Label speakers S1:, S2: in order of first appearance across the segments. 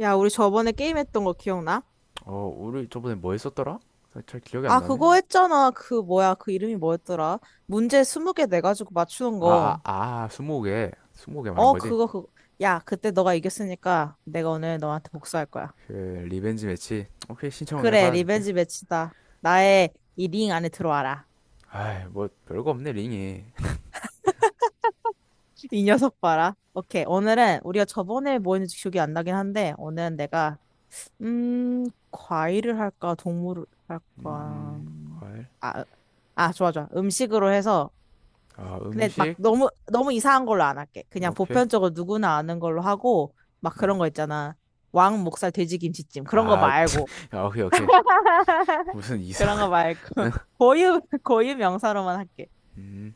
S1: 야, 우리 저번에 게임했던 거 기억나?
S2: 어, 우리 저번에 뭐 했었더라? 잘 기억이 안
S1: 아,
S2: 나네.
S1: 그거 했잖아. 그 뭐야? 그 이름이 뭐였더라? 문제 20개 내가지고 맞추는
S2: 아,
S1: 거.
S2: 아, 아, 스무고개. 스무고개 말한
S1: 어,
S2: 거지?
S1: 그거 그. 야, 그때 너가 이겼으니까 내가 오늘 너한테 복수할 거야.
S2: 그, 리벤지 매치. 오케이, 신청은 내가
S1: 그래,
S2: 받아줄게.
S1: 리벤지 매치다. 나의 이 링 안에 들어와라.
S2: 아이, 뭐, 별거 없네, 링이.
S1: 이 녀석 봐라. 오케이. 오늘은 우리가 저번에 뭐 했는지 기억이 안 나긴 한데 오늘은 내가, 과일을 할까? 동물을 할까?
S2: 음, 과일.
S1: 아, 아, 좋아, 좋아. 음식으로 해서.
S2: 아,
S1: 근데 막
S2: 음식.
S1: 너무 너무 이상한 걸로 안 할게. 그냥
S2: 오케이.
S1: 보편적으로 누구나 아는 걸로 하고 막
S2: 음.
S1: 그런 거 있잖아. 왕 목살 돼지김치찜 그런 거
S2: 아,
S1: 말고
S2: 아, 오케이, 오케이. 무슨 이상.
S1: 그런 거 말고 고유 명사로만 할게.
S2: 음,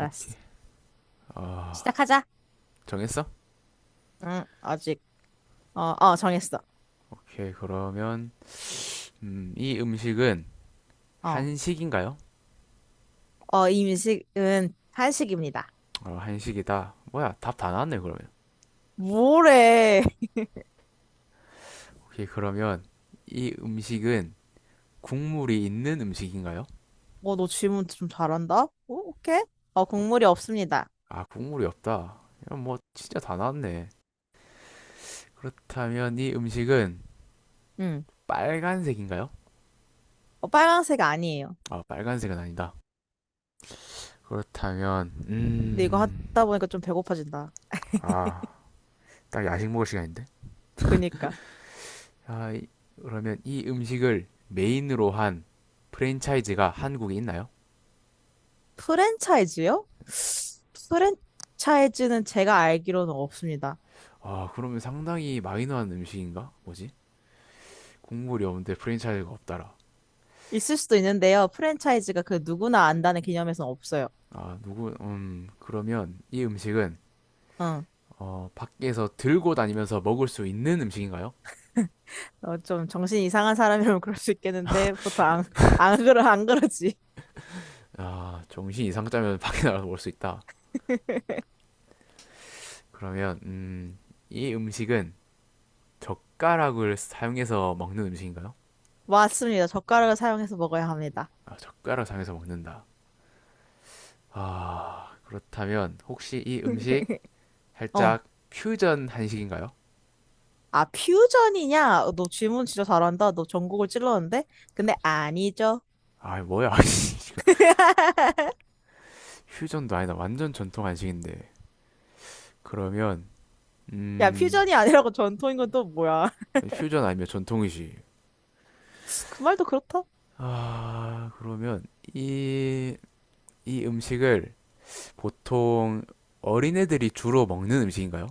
S2: 오케이. 아,
S1: 시작하자.
S2: 정했어?
S1: 응, 아직. 어, 어 정했어.
S2: 오케이, 그러면, 이 음식은
S1: 어,
S2: 한식인가요?
S1: 어, 이 음식은 한식입니다.
S2: 어, 한식이다. 뭐야, 답 다 나왔네, 그러면.
S1: 뭐래?
S2: 오케이, 그러면, 이 음식은 국물이 있는 음식인가요?
S1: 어, 너 질문 좀 잘한다. 오, 오케이. 어, 국물이 없습니다.
S2: 아, 국물이 없다. 이건 뭐 진짜 다 나왔네. 그렇다면 이 음식은
S1: 응.
S2: 빨간색인가요?
S1: 어, 빨강색 아니에요.
S2: 아, 빨간색은 아니다. 그렇다면
S1: 근데 이거 하다 보니까 좀 배고파진다.
S2: 아, 딱 야식 먹을 시간인데.
S1: 그니까.
S2: 아, 이- 그러면 이 음식을 메인으로 한 프랜차이즈가 한국에 있나요?
S1: 프랜차이즈요? 프랜차이즈는 제가 알기로는 없습니다.
S2: 아, 그러면 상당히 마이너한 음식인가? 뭐지? 국물이 없는데 프랜차이즈가 없다라.
S1: 있을 수도 있는데요. 프랜차이즈가 그 누구나 안다는 개념에서는 없어요.
S2: 아, 누구, 그러면 이 음식은
S1: 응.
S2: 어, 밖에서 들고 다니면서 먹을 수 있는 음식인가요?
S1: 어, 좀 정신이 이상한 사람이라면 그럴 수 있겠는데 보통 안, 안 그러 안 그러지.
S2: 아, 정신 이상 짜면 밖에 나가서 먹을 수 있다. 그러면 이 음식은 젓가락을 사용해서 먹는 음식인가요?
S1: 맞습니다. 젓가락을 사용해서 먹어야 합니다.
S2: 아, 젓가락 사용해서 먹는다. 아, 그렇다면 혹시 이 음식
S1: 어.
S2: 살짝 퓨전 한식인가요?
S1: 아, 퓨전이냐? 어, 너 질문 진짜 잘한다. 너 전국을 찔렀는데? 근데 아니죠.
S2: 아, 뭐야? 지금 퓨전도 아니다. 완전 전통 한식인데. 그러면
S1: 야,
S2: 음,
S1: 퓨전이 아니라고 전통인 건 또 뭐야?
S2: 퓨전 아니면 전통이지.
S1: 그 말도 그렇다.
S2: 아, 그러면 이 이 음식을 보통 어린애들이 주로 먹는 음식인가요?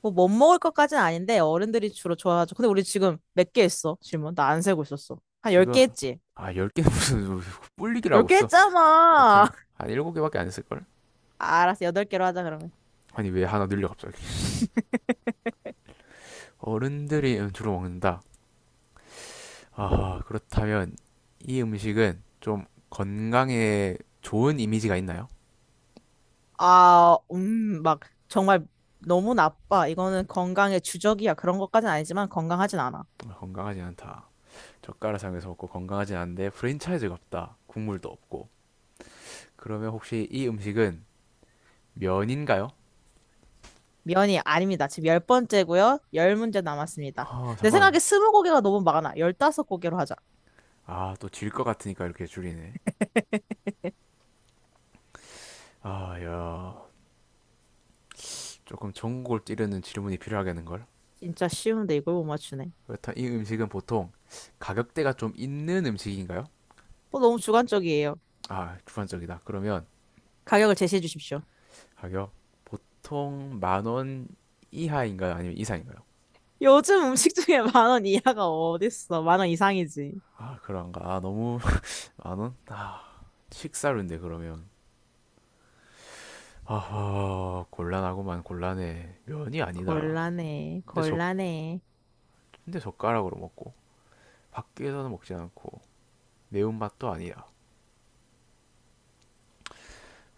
S1: 뭐 못 먹을 것까지는 아닌데 어른들이 주로 좋아하죠. 근데 우리 지금 몇 개 했어? 질문. 나 안 세고 있었어. 한
S2: 지금,
S1: 10개 했지?
S2: 아, 10개 무슨 뿔리기라고
S1: 10개
S2: 써. 이렇게
S1: 했잖아.
S2: 한 7개밖에 안 했을걸?
S1: 아, 알았어. 8개로 하자 그러면.
S2: 아니 왜 하나 늘려 갑자기. 어른들이 주로 먹는다. 아, 그렇다면 이 음식은 좀 건강에 좋은 이미지가 있나요?
S1: 아, 막, 정말 너무 나빠. 이거는 건강의 주적이야. 그런 것까지는 아니지만 건강하진 않아.
S2: 건강하지 않다. 젓가락상에서 먹고 건강하지 않은데 프랜차이즈가 없다. 국물도 없고. 그러면 혹시 이 음식은 면인가요?
S1: 면이 아닙니다. 지금 열 번째고요. 열 문제 남았습니다.
S2: 아
S1: 내 생각에
S2: 잠깐만.
S1: 스무 고개가 너무 많아. 열다섯 고개로 하자.
S2: 아, 또 질 것 같으니까 이렇게 줄이네. 아야, 조금 전국을 찌르는 질문이 필요하겠는걸?
S1: 진짜 쉬운데 이걸 못 맞추네.
S2: 그렇다. 이 음식은 보통 가격대가 좀 있는 음식인가요?
S1: 어, 너무 주관적이에요.
S2: 아, 주관적이다. 그러면
S1: 가격을 제시해 주십시오.
S2: 가격, 보통 만원 이하인가요? 아니면 이상인가요?
S1: 요즘 음식 중에 만 원 이하가 어딨어? 만 원 이상이지.
S2: 아, 그런가? 아, 너무 만 원? 아, 식사료인데. 그러면 아하, 곤란하구만 곤란해. 면이 아니다라.
S1: 곤란해,
S2: 근데 젓
S1: 곤란해.
S2: 근데 젓가락으로 먹고 밖에서는 먹지 않고 매운맛도 아니다.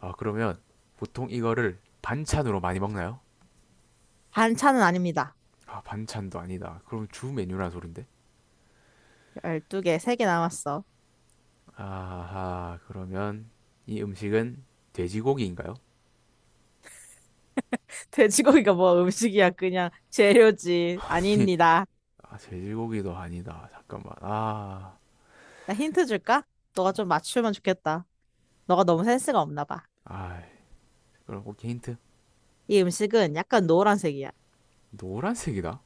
S2: 아, 그러면 보통 이거를 반찬으로 많이 먹나요?
S1: 반찬은 아닙니다.
S2: 아, 반찬도 아니다. 그럼 주 메뉴는 소린데?
S1: 열두 개 세 개 남았어.
S2: 아하, 그러면 이 음식은 돼지고기인가요?
S1: 돼지고기가 뭐 음식이야. 그냥 재료지. 아닙니다.
S2: 아, 돼지고기도 아니다. 잠깐만. 아,
S1: 나 힌트 줄까? 너가 좀 맞추면 좋겠다. 너가 너무 센스가 없나 봐.
S2: 아, 그럼 오케이 힌트.
S1: 이 음식은 약간 노란색이야.
S2: 노란색이다.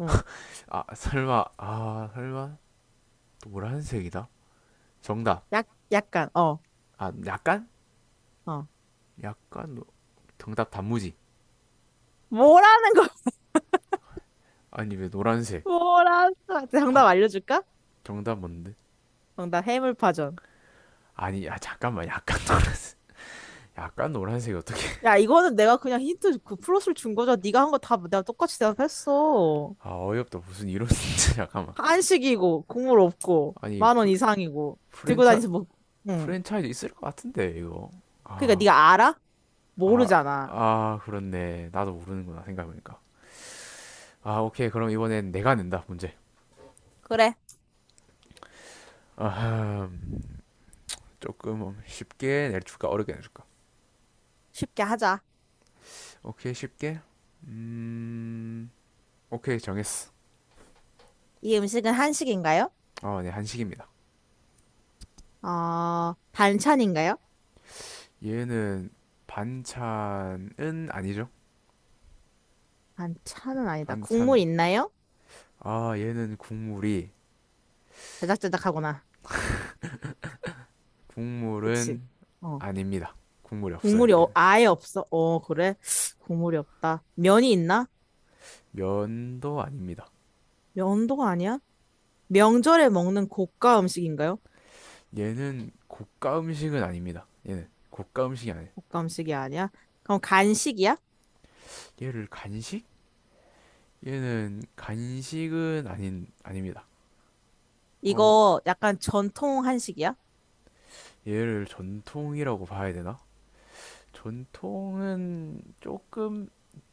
S1: 응.
S2: 아, 설마, 아, 설마 노란색이다. 정답.
S1: 약, 약간, 어,
S2: 아, 약간,
S1: 어.
S2: 약간 정답 단무지.
S1: 뭐라는 거,
S2: 아니 왜 노란색?
S1: 뭐라는 거.
S2: 팍.
S1: 정답 알려줄까?
S2: 정답 뭔데?
S1: 정답 해물파전.
S2: 아니, 야 잠깐만. 약간 노란색. 약간 노란색이 어떻게?
S1: 야, 이거는 내가 그냥 힌트 그 플러스를 준 거잖아. 네가 한 거 다 내가 똑같이 대답했어.
S2: 아 어이없다. 무슨 이런 진짜 잠깐만.
S1: 한식이고 국물 없고
S2: 아니,
S1: 만 원 이상이고 들고
S2: 프랜차
S1: 다니서 먹. 응.
S2: 프랜차이즈 있을 것 같은데 이거.
S1: 그러니까
S2: 아,
S1: 네가 알아?
S2: 아,
S1: 모르잖아.
S2: 아, 그렇네. 나도 모르는구나 생각해보니까. 아, 오케이. 그럼 이번엔 내가 낸다 문제.
S1: 그래,
S2: 아, 조금 쉽게 내줄까 어렵게 내줄까?
S1: 쉽게 하자.
S2: 오케이 쉽게. 음. 오케이 정했어.
S1: 이 음식은 한식인가요?
S2: 어네 한식입니다.
S1: 아, 반찬인가요?
S2: 얘는 반찬은 아니죠.
S1: 반찬은 아니다.
S2: 반찬은,
S1: 국물 있나요?
S2: 아, 얘는 국물이,
S1: 자작자작하구나. 그치?
S2: 국물은
S1: 어.
S2: 아닙니다. 국물이 없어요
S1: 국물이 어-
S2: 얘는.
S1: 아예 없어. 어, 그래? 국물이 없다. 면이 있나?
S2: 면도 아닙니다.
S1: 면도 아니야? 명절에 먹는 고가 음식인가요?
S2: 얘는 고가 음식은 아닙니다. 얘는 고가 음식이 아니에요.
S1: 곶감식이 아니야? 그럼 간식이야?
S2: 얘를 간식? 얘는 간식은 아닌 아닙니다. 어,
S1: 이거 약간 전통 한식이야?
S2: 얘를 전통이라고 봐야 되나? 전통은 조금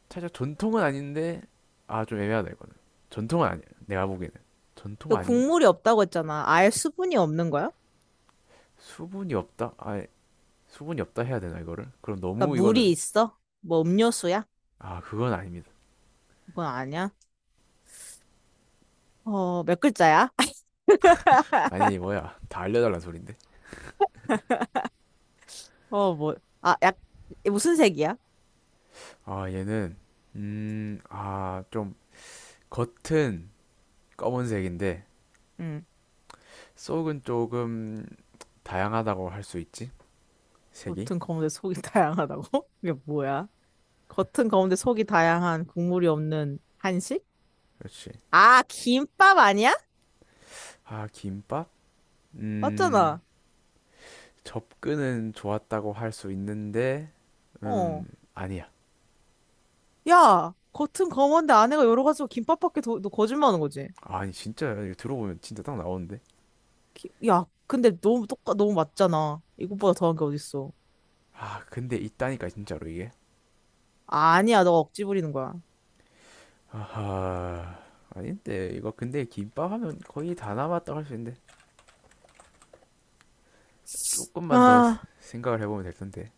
S2: 살짝 전통은 아닌데 아 좀 애매하다 이거는. 전통은 아니야. 내가 보기에는 전통
S1: 이거
S2: 아닌 가.
S1: 국물이 없다고 했잖아. 아예 수분이 없는 거야?
S2: 수분이 없다. 아, 수분이 없다 해야 되나 이거를? 그럼
S1: 그러니까
S2: 너무
S1: 물이
S2: 이거는.
S1: 있어? 뭐 음료수야?
S2: 아 그건 아닙니다.
S1: 그건 아니야. 어, 몇 글자야?
S2: 아니 뭐야 다 알려달라는 소린데.
S1: 어, 뭐, 아, 약, 무슨 색이야?
S2: 아, 얘는 아, 좀 겉은 검은색인데
S1: 응.
S2: 속은 조금 다양하다고 할 수 있지? 색이?
S1: 겉은 검은데 속이 다양하다고? 이게 뭐야? 겉은 검은데 속이 다양한 국물이 없는 한식?
S2: 그렇지.
S1: 아, 김밥 아니야?
S2: 아, 김밥? 음,
S1: 맞잖아.
S2: 접근은 좋았다고 할 수 있는데, 음,
S1: 어.
S2: 아니야.
S1: 야, 겉은 검은데 안에가 여러 가지고 김밥밖에 더, 너 거짓말하는 거지?
S2: 아니, 진짜, 이거 들어보면 진짜 딱 나오는데.
S1: 기- 야, 근데 너무 똑같, 너무 맞잖아. 이것보다 더한 게 어딨어.
S2: 아, 근데 있다니까, 진짜로 이게.
S1: 아니야, 너가 억지 부리는 거야.
S2: 아하, 아닌데, 이거 근데 김밥 하면 거의 다 남았다고 할 수 있는데, 조금만 더
S1: 아,
S2: 생각을 해보면 될 텐데.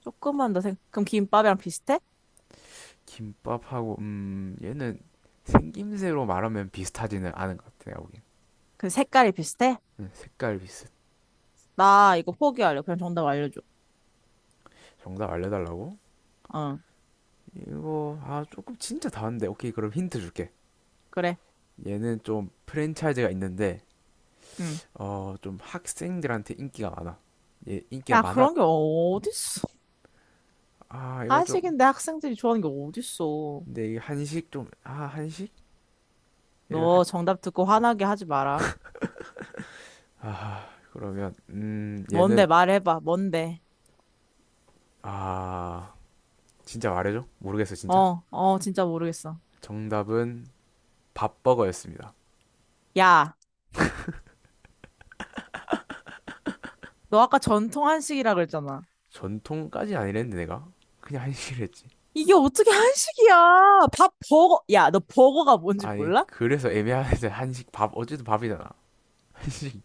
S1: 조금만 더 생, 그럼 김밥이랑 비슷해?
S2: 김밥하고 얘는 생김새로 말하면 비슷하지는 않은 것 같아 내가 보기엔.
S1: 그 색깔이 비슷해?
S2: 색깔 비슷.
S1: 나 이거 포기할래. 그냥 정답 알려줘.
S2: 정답 알려달라고?
S1: 어,
S2: 이거 아 조금 진짜 다른데 오케이 그럼 힌트 줄게.
S1: 그래.
S2: 얘는 좀 프랜차이즈가 있는데
S1: 응.
S2: 어 좀 학생들한테 인기가 많아. 얘 인기가
S1: 야,
S2: 많아.
S1: 그런 게 어딨어.
S2: 아, 이거 좀.
S1: 한식인데 학생들이 좋아하는 게 어딨어.
S2: 근데 이 한식 좀. 아, 한식? 얘를 한,
S1: 너 정답 듣고 화나게 하지 마라.
S2: 아, 그러면
S1: 뭔데,
S2: 얘는,
S1: 말해봐. 뭔데.
S2: 아, 진짜 말해줘? 모르겠어 진짜.
S1: 어, 어, 진짜 모르겠어.
S2: 정답은 밥버거였습니다.
S1: 야, 너 아까 전통 한식이라 그랬잖아.
S2: 전통까지 아니랬는데 내가 그냥 한식을 했지.
S1: 이게 어떻게 한식이야? 밥 버거. 야, 너 버거가 뭔지
S2: 아니
S1: 몰라?
S2: 그래서 애매하네 한식. 밥 어쨌든 밥이잖아. 한식.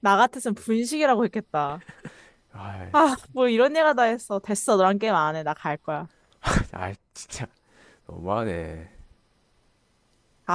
S1: 나 같았으면 분식이라고 했겠다.
S2: 아,
S1: 아, 뭐 이런 얘가 다 했어. 됐어, 너랑 게임 안 해. 나 갈 거야.
S2: 아 진짜 너무하네.
S1: 가.